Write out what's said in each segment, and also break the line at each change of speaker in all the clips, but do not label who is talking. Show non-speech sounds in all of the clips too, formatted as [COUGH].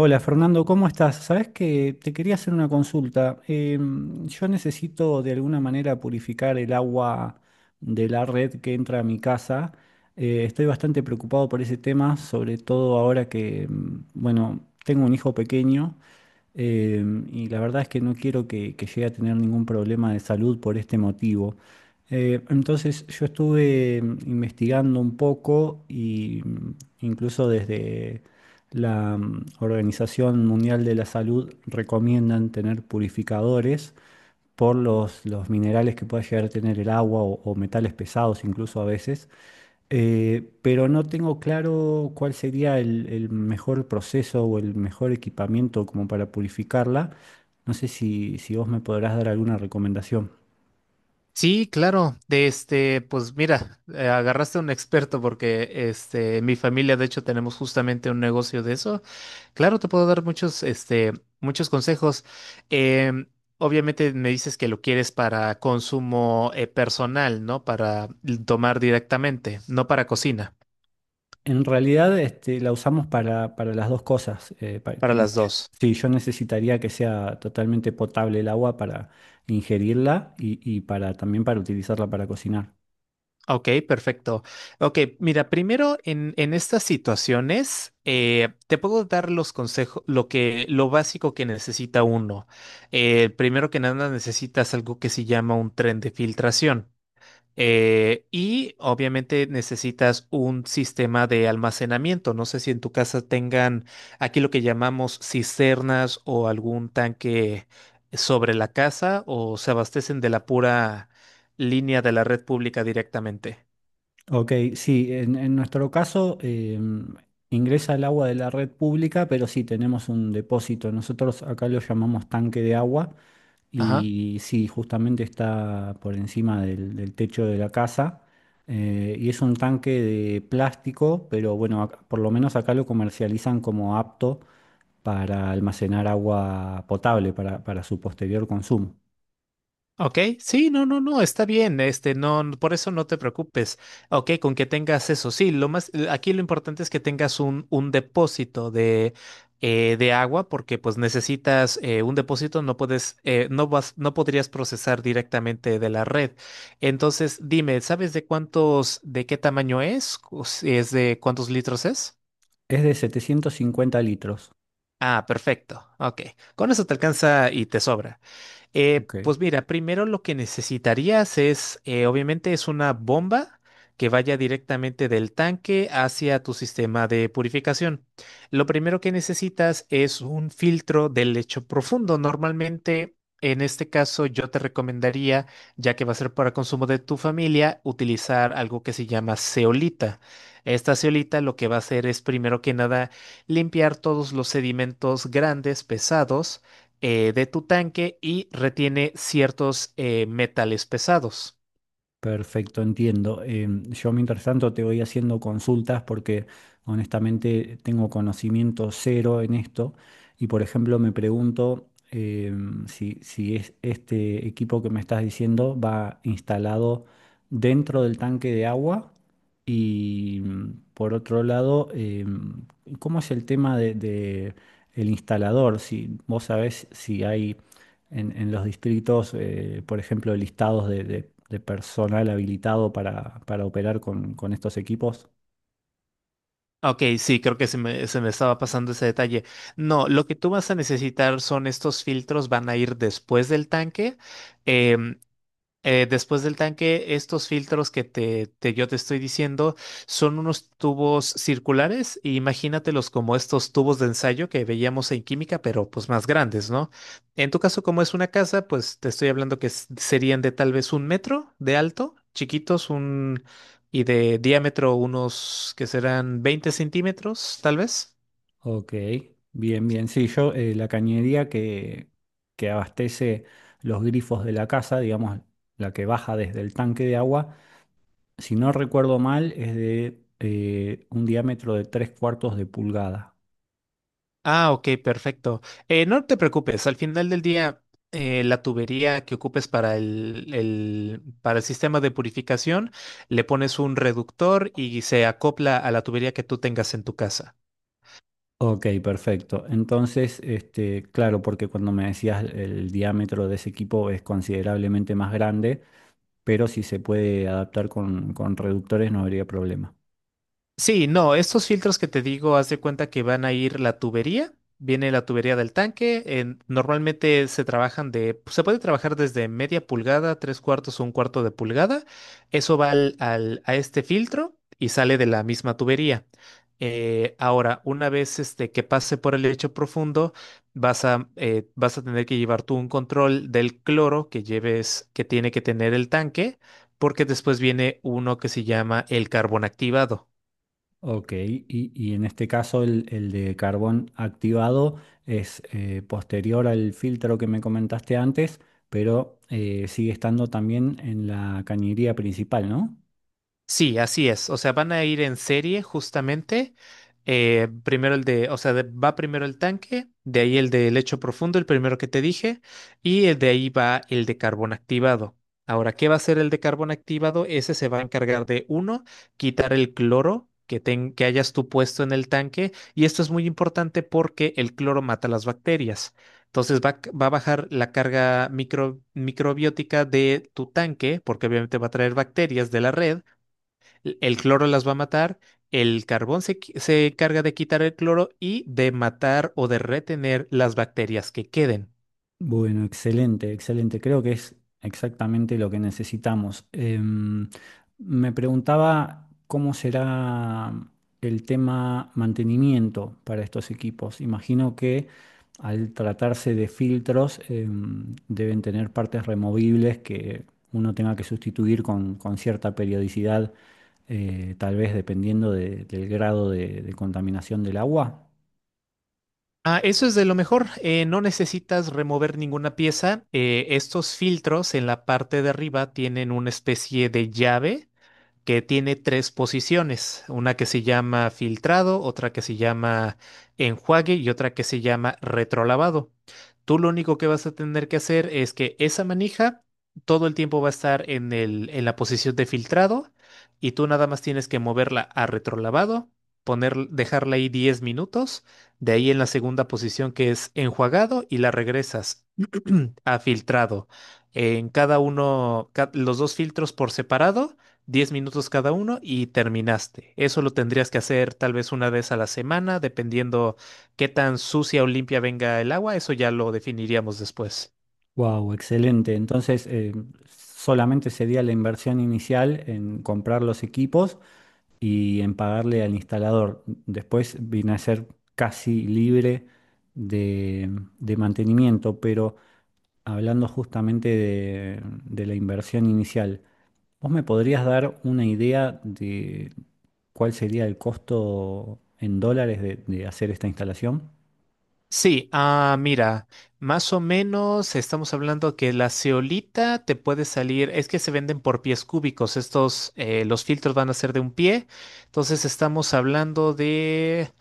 Hola
Bueno.
Fernando, ¿cómo estás? Sabes que te quería hacer una consulta. Yo necesito de alguna manera purificar el agua de la red que entra a mi casa. Estoy bastante preocupado por ese tema, sobre todo ahora que, bueno, tengo un hijo pequeño, y la verdad es que no quiero que llegue a tener ningún problema de salud por este motivo. Entonces yo estuve investigando un poco y incluso desde la Organización Mundial de la Salud recomiendan tener purificadores por los minerales que pueda llegar a tener el agua o metales pesados incluso a veces. Pero no tengo claro cuál sería el mejor proceso o el mejor equipamiento como para purificarla. No sé si vos me podrás dar alguna recomendación.
Sí, claro. De este, pues mira, agarraste a un experto porque este, en mi familia, de hecho, tenemos justamente un negocio de eso. Claro, te puedo dar muchos consejos. Em, Obviamente me dices que lo quieres para consumo personal, ¿no? Para tomar directamente, no para cocina,
En realidad, este, la usamos para las dos cosas.
para las dos.
Sí, yo necesitaría que sea totalmente potable el agua para ingerirla y para también para utilizarla para cocinar.
Ok, perfecto. Ok, mira, primero en estas situaciones te puedo dar los consejos, lo básico que necesita uno. Primero que nada necesitas algo que se llama un tren de filtración. Y obviamente necesitas un sistema de almacenamiento. No sé si en tu casa tengan aquí lo que llamamos cisternas o algún tanque sobre la casa o se abastecen de la pura línea de la red pública directamente.
Ok, sí, en nuestro caso, ingresa el agua de la red pública, pero sí tenemos un depósito. Nosotros acá lo llamamos tanque de agua.
Ajá.
Y sí, justamente está por encima del techo de la casa. Y es un tanque de plástico, pero bueno, por lo menos acá lo comercializan como apto para almacenar agua potable para su posterior consumo.
Ok, sí, no, no, no, está bien, este, no, no, por eso no te preocupes. Ok, con que tengas eso, sí, lo más, aquí lo importante es que tengas un depósito de agua, porque pues necesitas un depósito, no puedes, no vas, no podrías procesar directamente de la red. Entonces, dime, ¿sabes de cuántos, de qué tamaño es? O si ¿es de cuántos litros es?
Es de 750 litros.
Ah, perfecto. Ok. Con eso te alcanza y te sobra.
Ok.
Pues mira, primero lo que necesitarías es, obviamente es una bomba que vaya directamente del tanque hacia tu sistema de purificación. Lo primero que necesitas es un filtro de lecho profundo. Normalmente, en este caso, yo te recomendaría, ya que va a ser para consumo de tu familia, utilizar algo que se llama zeolita. Esta zeolita lo que va a hacer es primero que nada limpiar todos los sedimentos grandes, pesados, de tu tanque y retiene ciertos metales pesados.
Perfecto, entiendo. Yo mientras tanto te voy haciendo consultas porque honestamente tengo conocimiento cero en esto y por ejemplo me pregunto, si es este equipo que me estás diciendo va instalado dentro del tanque de agua y por otro lado, ¿cómo es el tema de el instalador? Si vos sabés si hay en los distritos, por ejemplo, listados de personal habilitado para operar con estos equipos.
Ok, sí, creo que se me estaba pasando ese detalle. No, lo que tú vas a necesitar son estos filtros, van a ir después del tanque. em, Después del tanque, estos filtros que yo te estoy diciendo son unos tubos circulares. E imagínatelos como estos tubos de ensayo que veíamos en química, pero pues más grandes, ¿no? En tu caso, como es una casa, pues te estoy hablando que serían de tal vez 1 metro de alto, chiquitos, y de diámetro unos que serán 20 centímetros, tal vez.
Ok, bien, bien. Sí, yo la cañería que abastece los grifos de la casa, digamos, la que baja desde el tanque de agua, si no recuerdo mal, es de un diámetro de tres cuartos de pulgada.
Ah, ok, perfecto. No te preocupes, al final del día, la tubería que ocupes para para el sistema de purificación, le pones un reductor y se acopla a la tubería que tú tengas en tu casa.
Ok, perfecto. Entonces, este, claro, porque cuando me decías el diámetro de ese equipo es considerablemente más grande, pero si se puede adaptar con reductores no habría problema.
Sí, no, estos filtros que te digo, haz de cuenta que van a ir la tubería, viene la tubería del tanque, normalmente se trabajan de, pues, se puede trabajar desde media pulgada, tres cuartos o 1/4 de pulgada, eso va a este filtro y sale de la misma tubería. Ahora, una vez este, que pase por el lecho profundo, vas a tener que llevar tú un control del cloro que lleves, que tiene que tener el tanque, porque después viene uno que se llama el carbón activado.
Ok, y en este caso el de carbón activado es posterior al filtro que me comentaste antes, pero sigue estando también en la cañería principal, ¿no?
Sí, así es. O sea, van a ir en serie justamente. Primero el de, o sea, va primero el tanque, de ahí el de lecho profundo, el primero que te dije, y el de ahí va el de carbón activado. Ahora, ¿qué va a hacer el de carbón activado? Ese se va a encargar de, uno, quitar el cloro que, que hayas tú puesto en el tanque, y esto es muy importante porque el cloro mata las bacterias. Entonces va, va a bajar la carga microbiótica de tu tanque, porque obviamente va a traer bacterias de la red, el cloro las va a matar, el carbón se encarga de quitar el cloro y de matar o de retener las bacterias que queden.
Bueno, excelente, excelente. Creo que es exactamente lo que necesitamos. Me preguntaba cómo será el tema mantenimiento para estos equipos. Imagino que al tratarse de filtros, deben tener partes removibles que uno tenga que sustituir con cierta periodicidad, tal vez dependiendo del grado de contaminación del agua.
Ah, eso es de lo mejor. No necesitas remover ninguna pieza. Estos filtros en la parte de arriba tienen una especie de llave que tiene tres posiciones, una que se llama filtrado, otra que se llama enjuague y otra que se llama retrolavado. Tú lo único que vas a tener que hacer es que esa manija todo el tiempo va a estar en en la posición de filtrado y tú nada más tienes que moverla a retrolavado, poner, dejarla ahí 10 minutos, de ahí en la segunda posición que es enjuagado y la regresas [CLEARS THROAT] a filtrado. En cada uno, los dos filtros por separado. 10 minutos cada uno y terminaste. Eso lo tendrías que hacer tal vez una vez a la semana, dependiendo qué tan sucia o limpia venga el agua. Eso ya lo definiríamos después.
Wow, excelente. Entonces, solamente sería la inversión inicial en comprar los equipos y en pagarle al instalador. Después viene a ser casi libre de, de mantenimiento, pero hablando justamente de la inversión inicial, ¿vos me podrías dar una idea de cuál sería el costo en dólares de hacer esta instalación?
Sí, mira, más o menos estamos hablando que la ceolita te puede salir, es que se venden por pies cúbicos, estos, los filtros van a ser de 1 pie, entonces estamos hablando de,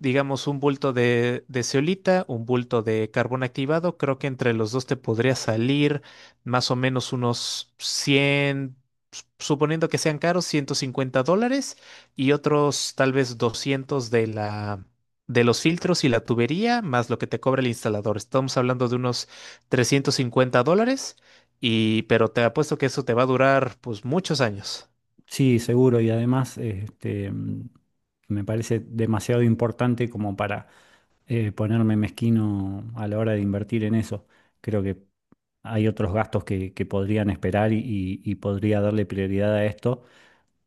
digamos, un bulto de, zeolita, un bulto de carbón activado. Creo que entre los dos te podría salir más o menos unos 100, suponiendo que sean caros, $150, y otros tal vez 200 de la... de los filtros y la tubería, más lo que te cobra el instalador. Estamos hablando de unos $350, y, pero te apuesto que eso te va a durar pues muchos años.
Sí, seguro, y además este, me parece demasiado importante como para ponerme mezquino a la hora de invertir en eso. Creo que hay otros gastos que podrían esperar y podría darle prioridad a esto.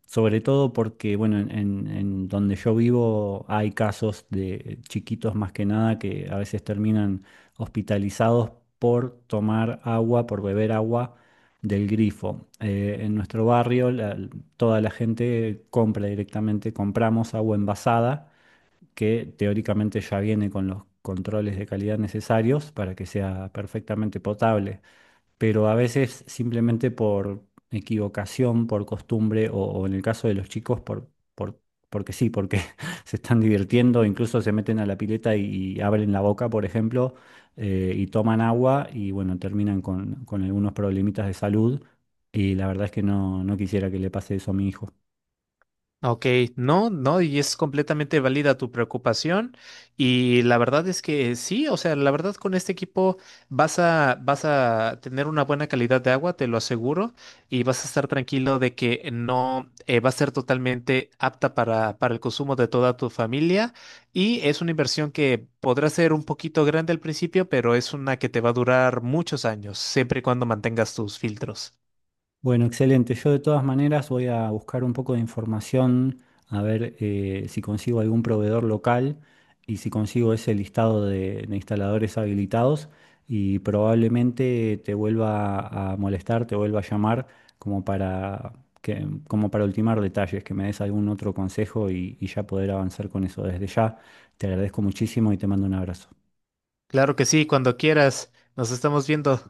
Sobre todo porque, bueno, en donde yo vivo hay casos de chiquitos más que nada que a veces terminan hospitalizados por tomar agua, por beber agua del grifo. En nuestro barrio toda la gente compra directamente, compramos agua envasada que teóricamente ya viene con los controles de calidad necesarios para que sea perfectamente potable, pero a veces simplemente por equivocación, por costumbre, o en el caso de los chicos, porque sí, porque [LAUGHS] se están divirtiendo, incluso se meten a la pileta y abren la boca, por ejemplo, y toman agua y bueno, terminan con algunos problemitas de salud. Y la verdad es que no, no quisiera que le pase eso a mi hijo.
Ok, no, no, y es completamente válida tu preocupación. Y la verdad es que sí, o sea, la verdad con este equipo vas a tener una buena calidad de agua, te lo aseguro, y vas a estar tranquilo de que no va a ser totalmente apta para el consumo de toda tu familia. Y es una inversión que podrá ser un poquito grande al principio, pero es una que te va a durar muchos años, siempre y cuando mantengas tus filtros.
Bueno, excelente. Yo de todas maneras voy a buscar un poco de información, a ver si consigo algún proveedor local y si consigo ese listado de instaladores habilitados y probablemente te vuelva a molestar, te vuelva a llamar como para que, como para ultimar detalles, que me des algún otro consejo y ya poder avanzar con eso. Desde ya te agradezco muchísimo y te mando un abrazo.
Claro que sí, cuando quieras, nos estamos viendo.